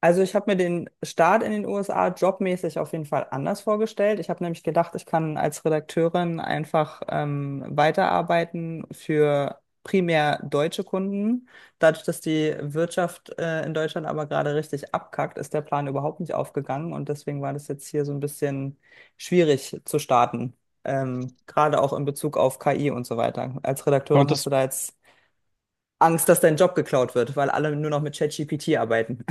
Also ich habe mir den Start in den USA jobmäßig auf jeden Fall anders vorgestellt. Ich habe nämlich gedacht, ich kann als Redakteurin einfach weiterarbeiten für primär deutsche Kunden. Dadurch, dass die Wirtschaft in Deutschland aber gerade richtig abkackt, ist der Plan überhaupt nicht aufgegangen, und deswegen war das jetzt hier so ein bisschen schwierig zu starten. Gerade auch in Bezug auf KI und so weiter. Als Redakteurin hast Konntest, du da jetzt Angst, dass dein Job geklaut wird, weil alle nur noch mit ChatGPT arbeiten.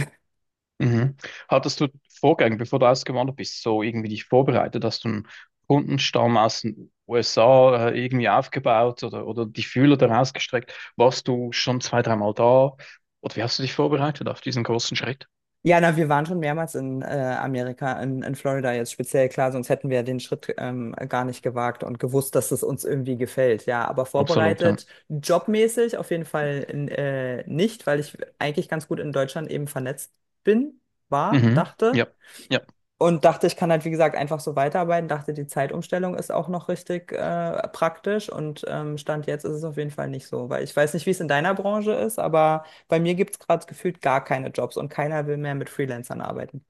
mhm. Hattest du Vorgänge, bevor du ausgewandert bist, so irgendwie dich vorbereitet? Hast du einen Kundenstamm aus den USA irgendwie aufgebaut oder die Fühler daraus gestreckt? Warst du schon zwei, dreimal da? Oder wie hast du dich vorbereitet auf diesen großen Schritt? Ja, na, wir waren schon mehrmals in Amerika, in Florida jetzt speziell, klar, sonst hätten wir den Schritt gar nicht gewagt und gewusst, dass es uns irgendwie gefällt. Ja, aber Absolut, ja. vorbereitet, jobmäßig auf jeden Fall nicht, weil ich eigentlich ganz gut in Deutschland eben vernetzt bin, war, Mhm. Ja, dachte. ja. Und dachte, ich kann halt, wie gesagt, einfach so weiterarbeiten. Dachte, die Zeitumstellung ist auch noch richtig praktisch. Und Stand jetzt ist es auf jeden Fall nicht so, weil ich weiß nicht, wie es in deiner Branche ist, aber bei mir gibt es gerade gefühlt gar keine Jobs und keiner will mehr mit Freelancern arbeiten.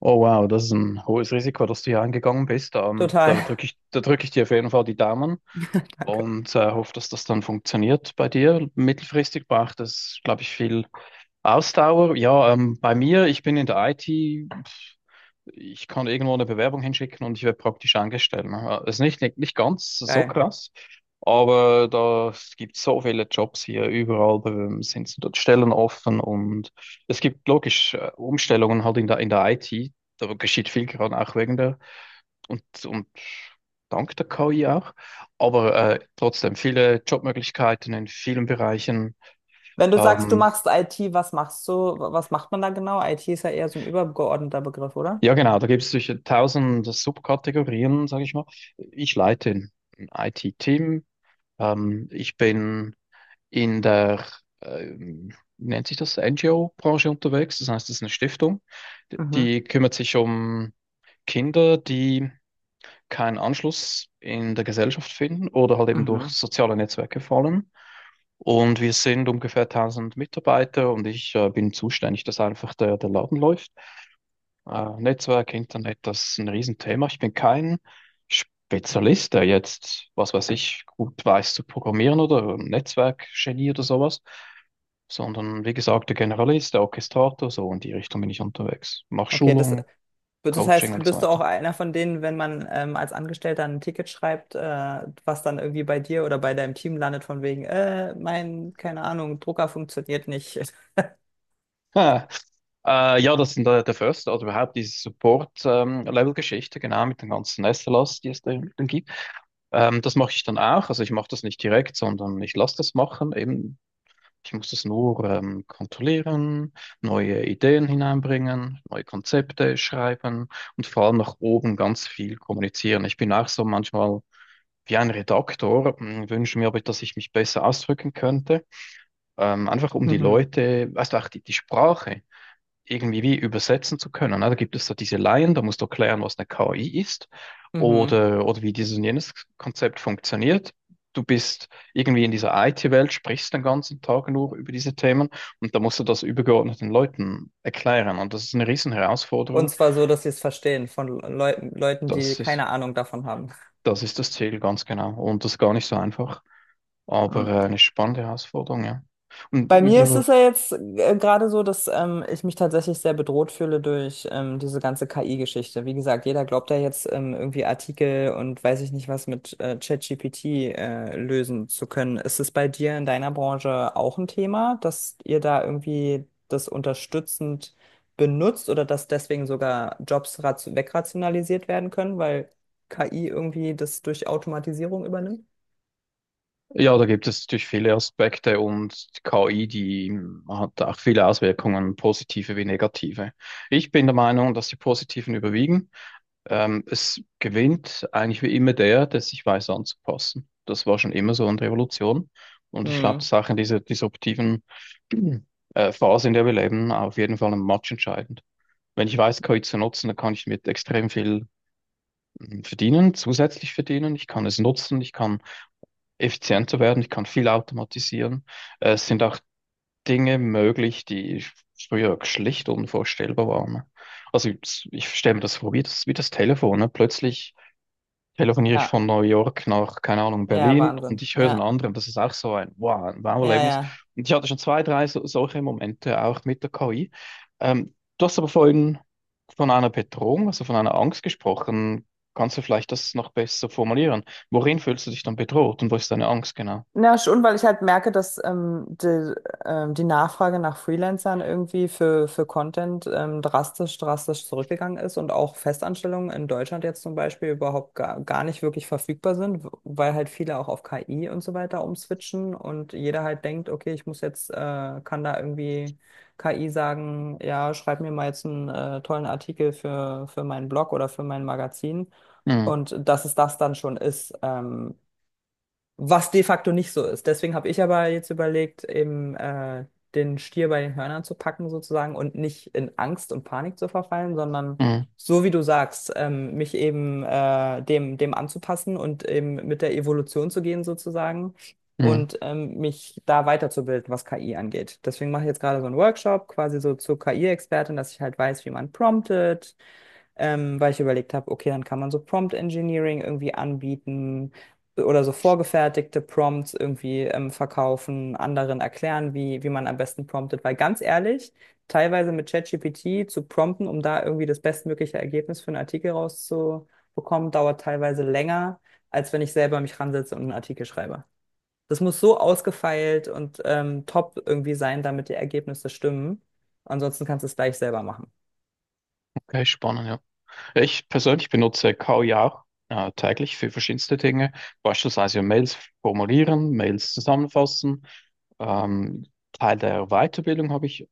Oh wow, das ist ein hohes Risiko, dass du hier eingegangen bist. Da Total. drücke ich, da drücke ich dir auf jeden Fall die Daumen Danke. und hoffe, dass das dann funktioniert bei dir. Mittelfristig braucht es, glaube ich, viel Ausdauer, ja, bei mir, ich bin in der IT, pf, ich kann irgendwo eine Bewerbung hinschicken und ich werde praktisch angestellt, ne? Ist nicht ganz so Geil. krass, aber da es gibt so viele Jobs hier, überall sind so dort Stellen offen, und es gibt logisch Umstellungen halt in der IT, da geschieht viel gerade auch wegen der und dank der KI auch, aber trotzdem viele Jobmöglichkeiten in vielen Bereichen. Wenn du sagst, du Ähm, machst IT, was machst du? Was macht man da genau? IT ist ja eher so ein übergeordneter Begriff, oder? Ja, genau, da gibt es sicher tausend Subkategorien, sage ich mal. Ich leite ein IT-Team. Ich bin in der, ähm, wie nennt sich das, NGO-Branche unterwegs. Das heißt, es ist eine Stiftung, Mhm. die kümmert sich um Kinder, die keinen Anschluss in der Gesellschaft finden oder halt eben durch Mhm. soziale Netzwerke fallen. Und wir sind ungefähr tausend Mitarbeiter und ich bin zuständig, dass einfach der Laden läuft. Netzwerk, Internet, das ist ein Riesenthema. Ich bin kein Spezialist, der jetzt, was weiß ich, gut weiß zu programmieren oder ein Netzwerkgenie oder sowas, sondern wie gesagt, der Generalist, der Orchestrator, so in die Richtung bin ich unterwegs. Mach Okay, das, Schulung, das Coaching heißt, und so bist du auch weiter. einer von denen, wenn man als Angestellter ein Ticket schreibt, was dann irgendwie bei dir oder bei deinem Team landet, von wegen, mein, keine Ahnung, Drucker funktioniert nicht. Ha. Ja, das sind der First, oder überhaupt diese Support-Level-Geschichte, genau, mit den ganzen SLAs, die es da dann gibt. Das mache ich dann auch. Also ich mache das nicht direkt, sondern ich lasse das machen, eben. Ich muss das nur kontrollieren, neue Ideen hineinbringen, neue Konzepte schreiben und vor allem nach oben ganz viel kommunizieren. Ich bin auch so manchmal wie ein Redaktor, wünsche mir aber, dass ich mich besser ausdrücken könnte. Einfach um die Mhm. Leute, weißt du, auch die Sprache irgendwie wie übersetzen zu können, ne? Da gibt es so diese Laien, da musst du erklären, was eine KI ist Mhm. oder wie dieses und jenes Konzept funktioniert. Du bist irgendwie in dieser IT-Welt, sprichst den ganzen Tag nur über diese Themen und da musst du das übergeordneten Leuten erklären. Und das ist eine riesen Und Herausforderung. zwar so, dass sie es verstehen, von Leuten, Leuten, die Das ist, keine Ahnung davon haben. das ist das Ziel, ganz genau. Und das ist gar nicht so einfach, aber eine spannende Herausforderung, ja. Und Bei mir ist über. es ja jetzt gerade so, dass ich mich tatsächlich sehr bedroht fühle durch diese ganze KI-Geschichte. Wie gesagt, jeder glaubt ja jetzt irgendwie Artikel und weiß ich nicht was mit ChatGPT lösen zu können. Ist es bei dir in deiner Branche auch ein Thema, dass ihr da irgendwie das unterstützend benutzt oder dass deswegen sogar Jobs wegrationalisiert werden können, weil KI irgendwie das durch Automatisierung übernimmt? Ja, da gibt es natürlich viele Aspekte, und die KI, die hat auch viele Auswirkungen, positive wie negative. Ich bin der Meinung, dass die positiven überwiegen. Es gewinnt eigentlich wie immer der, der sich weiß anzupassen. Das war schon immer so in der Evolution. Und ich glaube, das Hm. ist auch in dieser disruptiven Phase, in der wir leben, auf jeden Fall ein Match entscheidend. Wenn ich weiß, KI zu nutzen, dann kann ich mit extrem viel verdienen, zusätzlich verdienen. Ich kann es nutzen, ich kann effizienter werden, ich kann viel automatisieren. Es sind auch Dinge möglich, die früher schlicht unvorstellbar waren. Ich stelle mir das vor, wie das Telefon. Ne? Plötzlich telefoniere ich Ja, von New York nach, keine Ahnung, ja, Berlin, und Wahnsinn. ich höre den Ja, anderen. Das ist auch so ein Wow, ein ja, Wow-Erlebnis. ja. Und ich hatte schon zwei, drei so, solche Momente auch mit der KI. Du hast aber vorhin von einer Bedrohung, also von einer Angst gesprochen. Kannst du vielleicht das noch besser formulieren? Worin fühlst du dich dann bedroht, und wo ist deine Angst genau? Na schon, weil ich halt merke, dass die, die Nachfrage nach Freelancern irgendwie für Content drastisch zurückgegangen ist und auch Festanstellungen in Deutschland jetzt zum Beispiel überhaupt gar nicht wirklich verfügbar sind, weil halt viele auch auf KI und so weiter umswitchen und jeder halt denkt, okay, ich muss jetzt, kann da irgendwie KI sagen, ja, schreib mir mal jetzt einen tollen Artikel für meinen Blog oder für mein Magazin. Mhm. Und dass es das dann schon ist. Was de facto nicht so ist. Deswegen habe ich aber jetzt überlegt, eben den Stier bei den Hörnern zu packen sozusagen und nicht in Angst und Panik zu verfallen, sondern Mhm. so wie du sagst, mich eben dem anzupassen und eben mit der Evolution zu gehen sozusagen Mhm. und mich da weiterzubilden, was KI angeht. Deswegen mache ich jetzt gerade so einen Workshop quasi so zur KI-Expertin, dass ich halt weiß, wie man promptet weil ich überlegt habe, okay, dann kann man so Prompt Engineering irgendwie anbieten oder so vorgefertigte Prompts irgendwie verkaufen, anderen erklären, wie man am besten promptet, weil ganz ehrlich, teilweise mit ChatGPT zu prompten, um da irgendwie das bestmögliche Ergebnis für einen Artikel rauszubekommen, dauert teilweise länger, als wenn ich selber mich ransetze und einen Artikel schreibe. Das muss so ausgefeilt und top irgendwie sein, damit die Ergebnisse stimmen. Ansonsten kannst du es gleich selber machen. Okay, spannend, ja. Ich persönlich benutze KI auch täglich für verschiedenste Dinge, beispielsweise ja Mails formulieren, Mails zusammenfassen. Ähm, Teil der Weiterbildung habe ich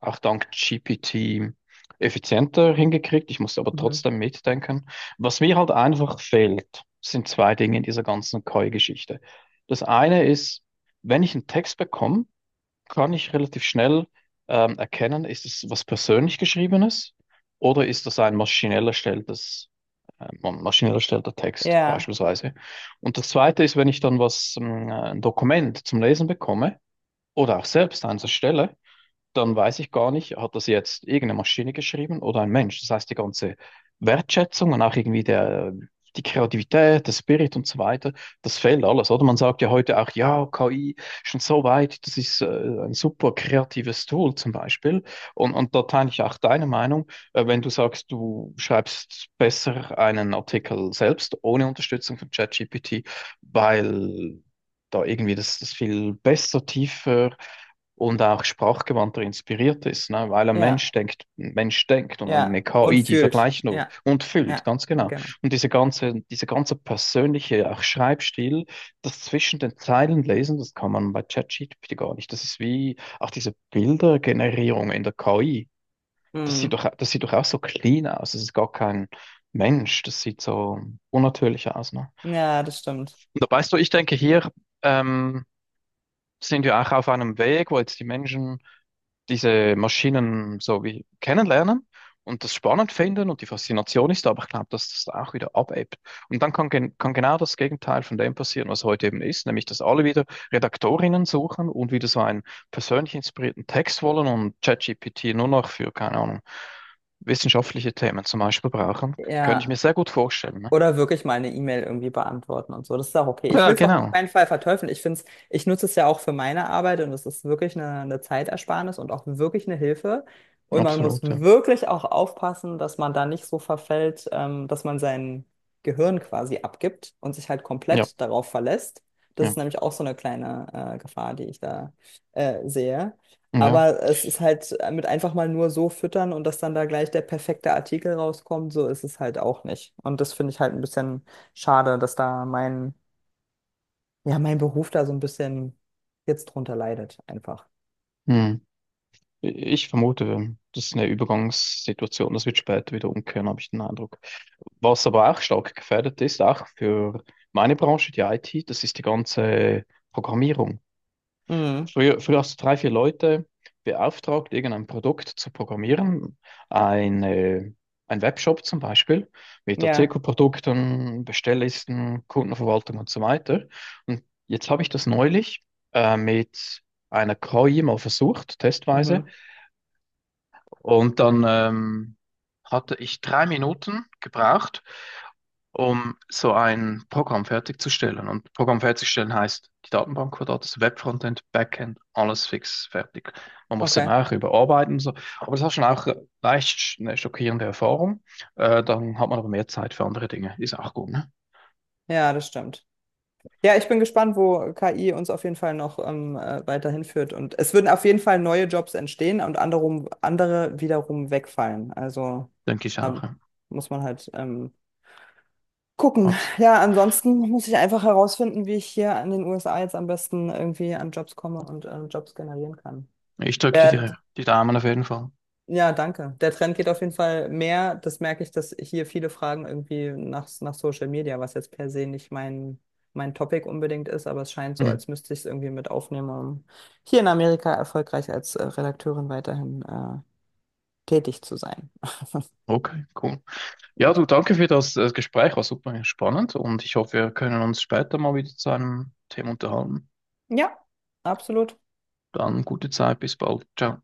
auch dank GPT effizienter hingekriegt. Ich musste aber Mhm. trotzdem mitdenken. Was mir halt einfach fehlt, sind zwei Dinge in dieser ganzen KI-Geschichte. Das eine ist, wenn ich einen Text bekomme, kann ich relativ schnell erkennen, ist es was persönlich Geschriebenes oder ist das ein maschinell erstellter Text Ja, beispielsweise. Und das Zweite ist, wenn ich dann ein Dokument zum Lesen bekomme oder auch selbst eins erstelle, dann weiß ich gar nicht, hat das jetzt irgendeine Maschine geschrieben oder ein Mensch? Das heißt, die ganze Wertschätzung und auch irgendwie die Kreativität, der Spirit und so weiter, das fehlt alles, oder? Man sagt ja heute auch, ja, KI schon so weit, das ist ein super kreatives Tool zum Beispiel. Und da teile ich auch deine Meinung, wenn du sagst, du schreibst besser einen Artikel selbst ohne Unterstützung von ChatGPT, weil da irgendwie das viel besser, tiefer und auch sprachgewandter inspiriert ist, ne? Weil ein Mensch ja, denkt, ein Mensch denkt, und ja. eine Und KI, die fühlt. vergleicht nur Ja, und füllt, ja, ganz genau. genau. Und diese ganze persönliche auch Schreibstil, das zwischen den Zeilen lesen, das kann man bei ChatGPT gar nicht. Das ist wie auch diese Bildergenerierung in der KI. Mhm. Das sieht doch auch so clean aus. Das ist gar kein Mensch. Das sieht so unnatürlich aus, ne? Ja, das stimmt. Und da weißt du, ich denke, hier ähm, sind wir auch auf einem Weg, wo jetzt die Menschen diese Maschinen so wie kennenlernen und das spannend finden, und die Faszination ist da, aber ich glaube, dass das da auch wieder abebbt. Und dann kann genau das Gegenteil von dem passieren, was heute eben ist, nämlich dass alle wieder Redaktorinnen suchen und wieder so einen persönlich inspirierten Text wollen und ChatGPT nur noch für, keine Ahnung, wissenschaftliche Themen zum Beispiel brauchen. Könnte ich Ja. mir sehr gut vorstellen. Ne? Oder wirklich mal eine E-Mail irgendwie beantworten und so. Das ist auch okay. Ich Ja, will es auch auf genau. keinen Fall verteufeln. Ich finde es, ich nutze es ja auch für meine Arbeit, und es ist wirklich eine Zeitersparnis und auch wirklich eine Hilfe. Und man muss Absolut, ja. wirklich auch aufpassen, dass man da nicht so verfällt, dass man sein Gehirn quasi abgibt und sich halt Ja, komplett darauf verlässt. Das ja, ist nämlich auch so eine kleine Gefahr, die ich da sehe. ja. Aber es ist halt mit einfach mal nur so füttern und dass dann da gleich der perfekte Artikel rauskommt, so ist es halt auch nicht. Und das finde ich halt ein bisschen schade, dass da mein, ja, mein Beruf da so ein bisschen jetzt drunter leidet, einfach. Hm. Ich vermute, das ist eine Übergangssituation, das wird später wieder umkehren, habe ich den Eindruck. Was aber auch stark gefährdet ist, auch für meine Branche, die IT, das ist die ganze Programmierung. Mhm. Früher hast du drei, vier Leute beauftragt, irgendein Produkt zu programmieren, eine, ein Webshop zum Beispiel, mit Ja. Artikelprodukten, Bestelllisten, Kundenverwaltung und so weiter. Und jetzt habe ich das neulich mit einer KI mal versucht, testweise. Mhm. Und dann hatte ich drei Minuten gebraucht, um so ein Programm fertigzustellen. Und Programm fertigstellen heißt, die Datenbank war da, das Webfrontend, Backend, alles fix, fertig. Man muss dann Okay. auch überarbeiten und so. Aber das war schon auch eine schockierende Erfahrung. Dann hat man aber mehr Zeit für andere Dinge. Ist auch gut, ne? Ja, das stimmt. Ja, ich bin gespannt, wo KI uns auf jeden Fall noch weiterhin führt. Und es würden auf jeden Fall neue Jobs entstehen und andere wiederum wegfallen. Also Denke ich auch. da Ja. muss man halt gucken. Abs- Ja, ansonsten muss ich einfach herausfinden, wie ich hier an den USA jetzt am besten irgendwie an Jobs komme und Jobs generieren kann. Ich drücke dir Der, die Daumen auf jeden Fall. ja, danke. Der Trend geht auf jeden Fall mehr. Das merke ich, dass hier viele fragen irgendwie nach Social Media, was jetzt per se nicht mein, mein Topic unbedingt ist, aber es scheint so, Mhm. als müsste ich es irgendwie mit aufnehmen, um hier in Amerika erfolgreich als Redakteurin weiterhin tätig zu sein. Okay, cool. Ja, du, danke für das, Gespräch, war super spannend, und ich hoffe, wir können uns später mal wieder zu einem Thema unterhalten. Ja, absolut. Dann gute Zeit, bis bald. Ciao.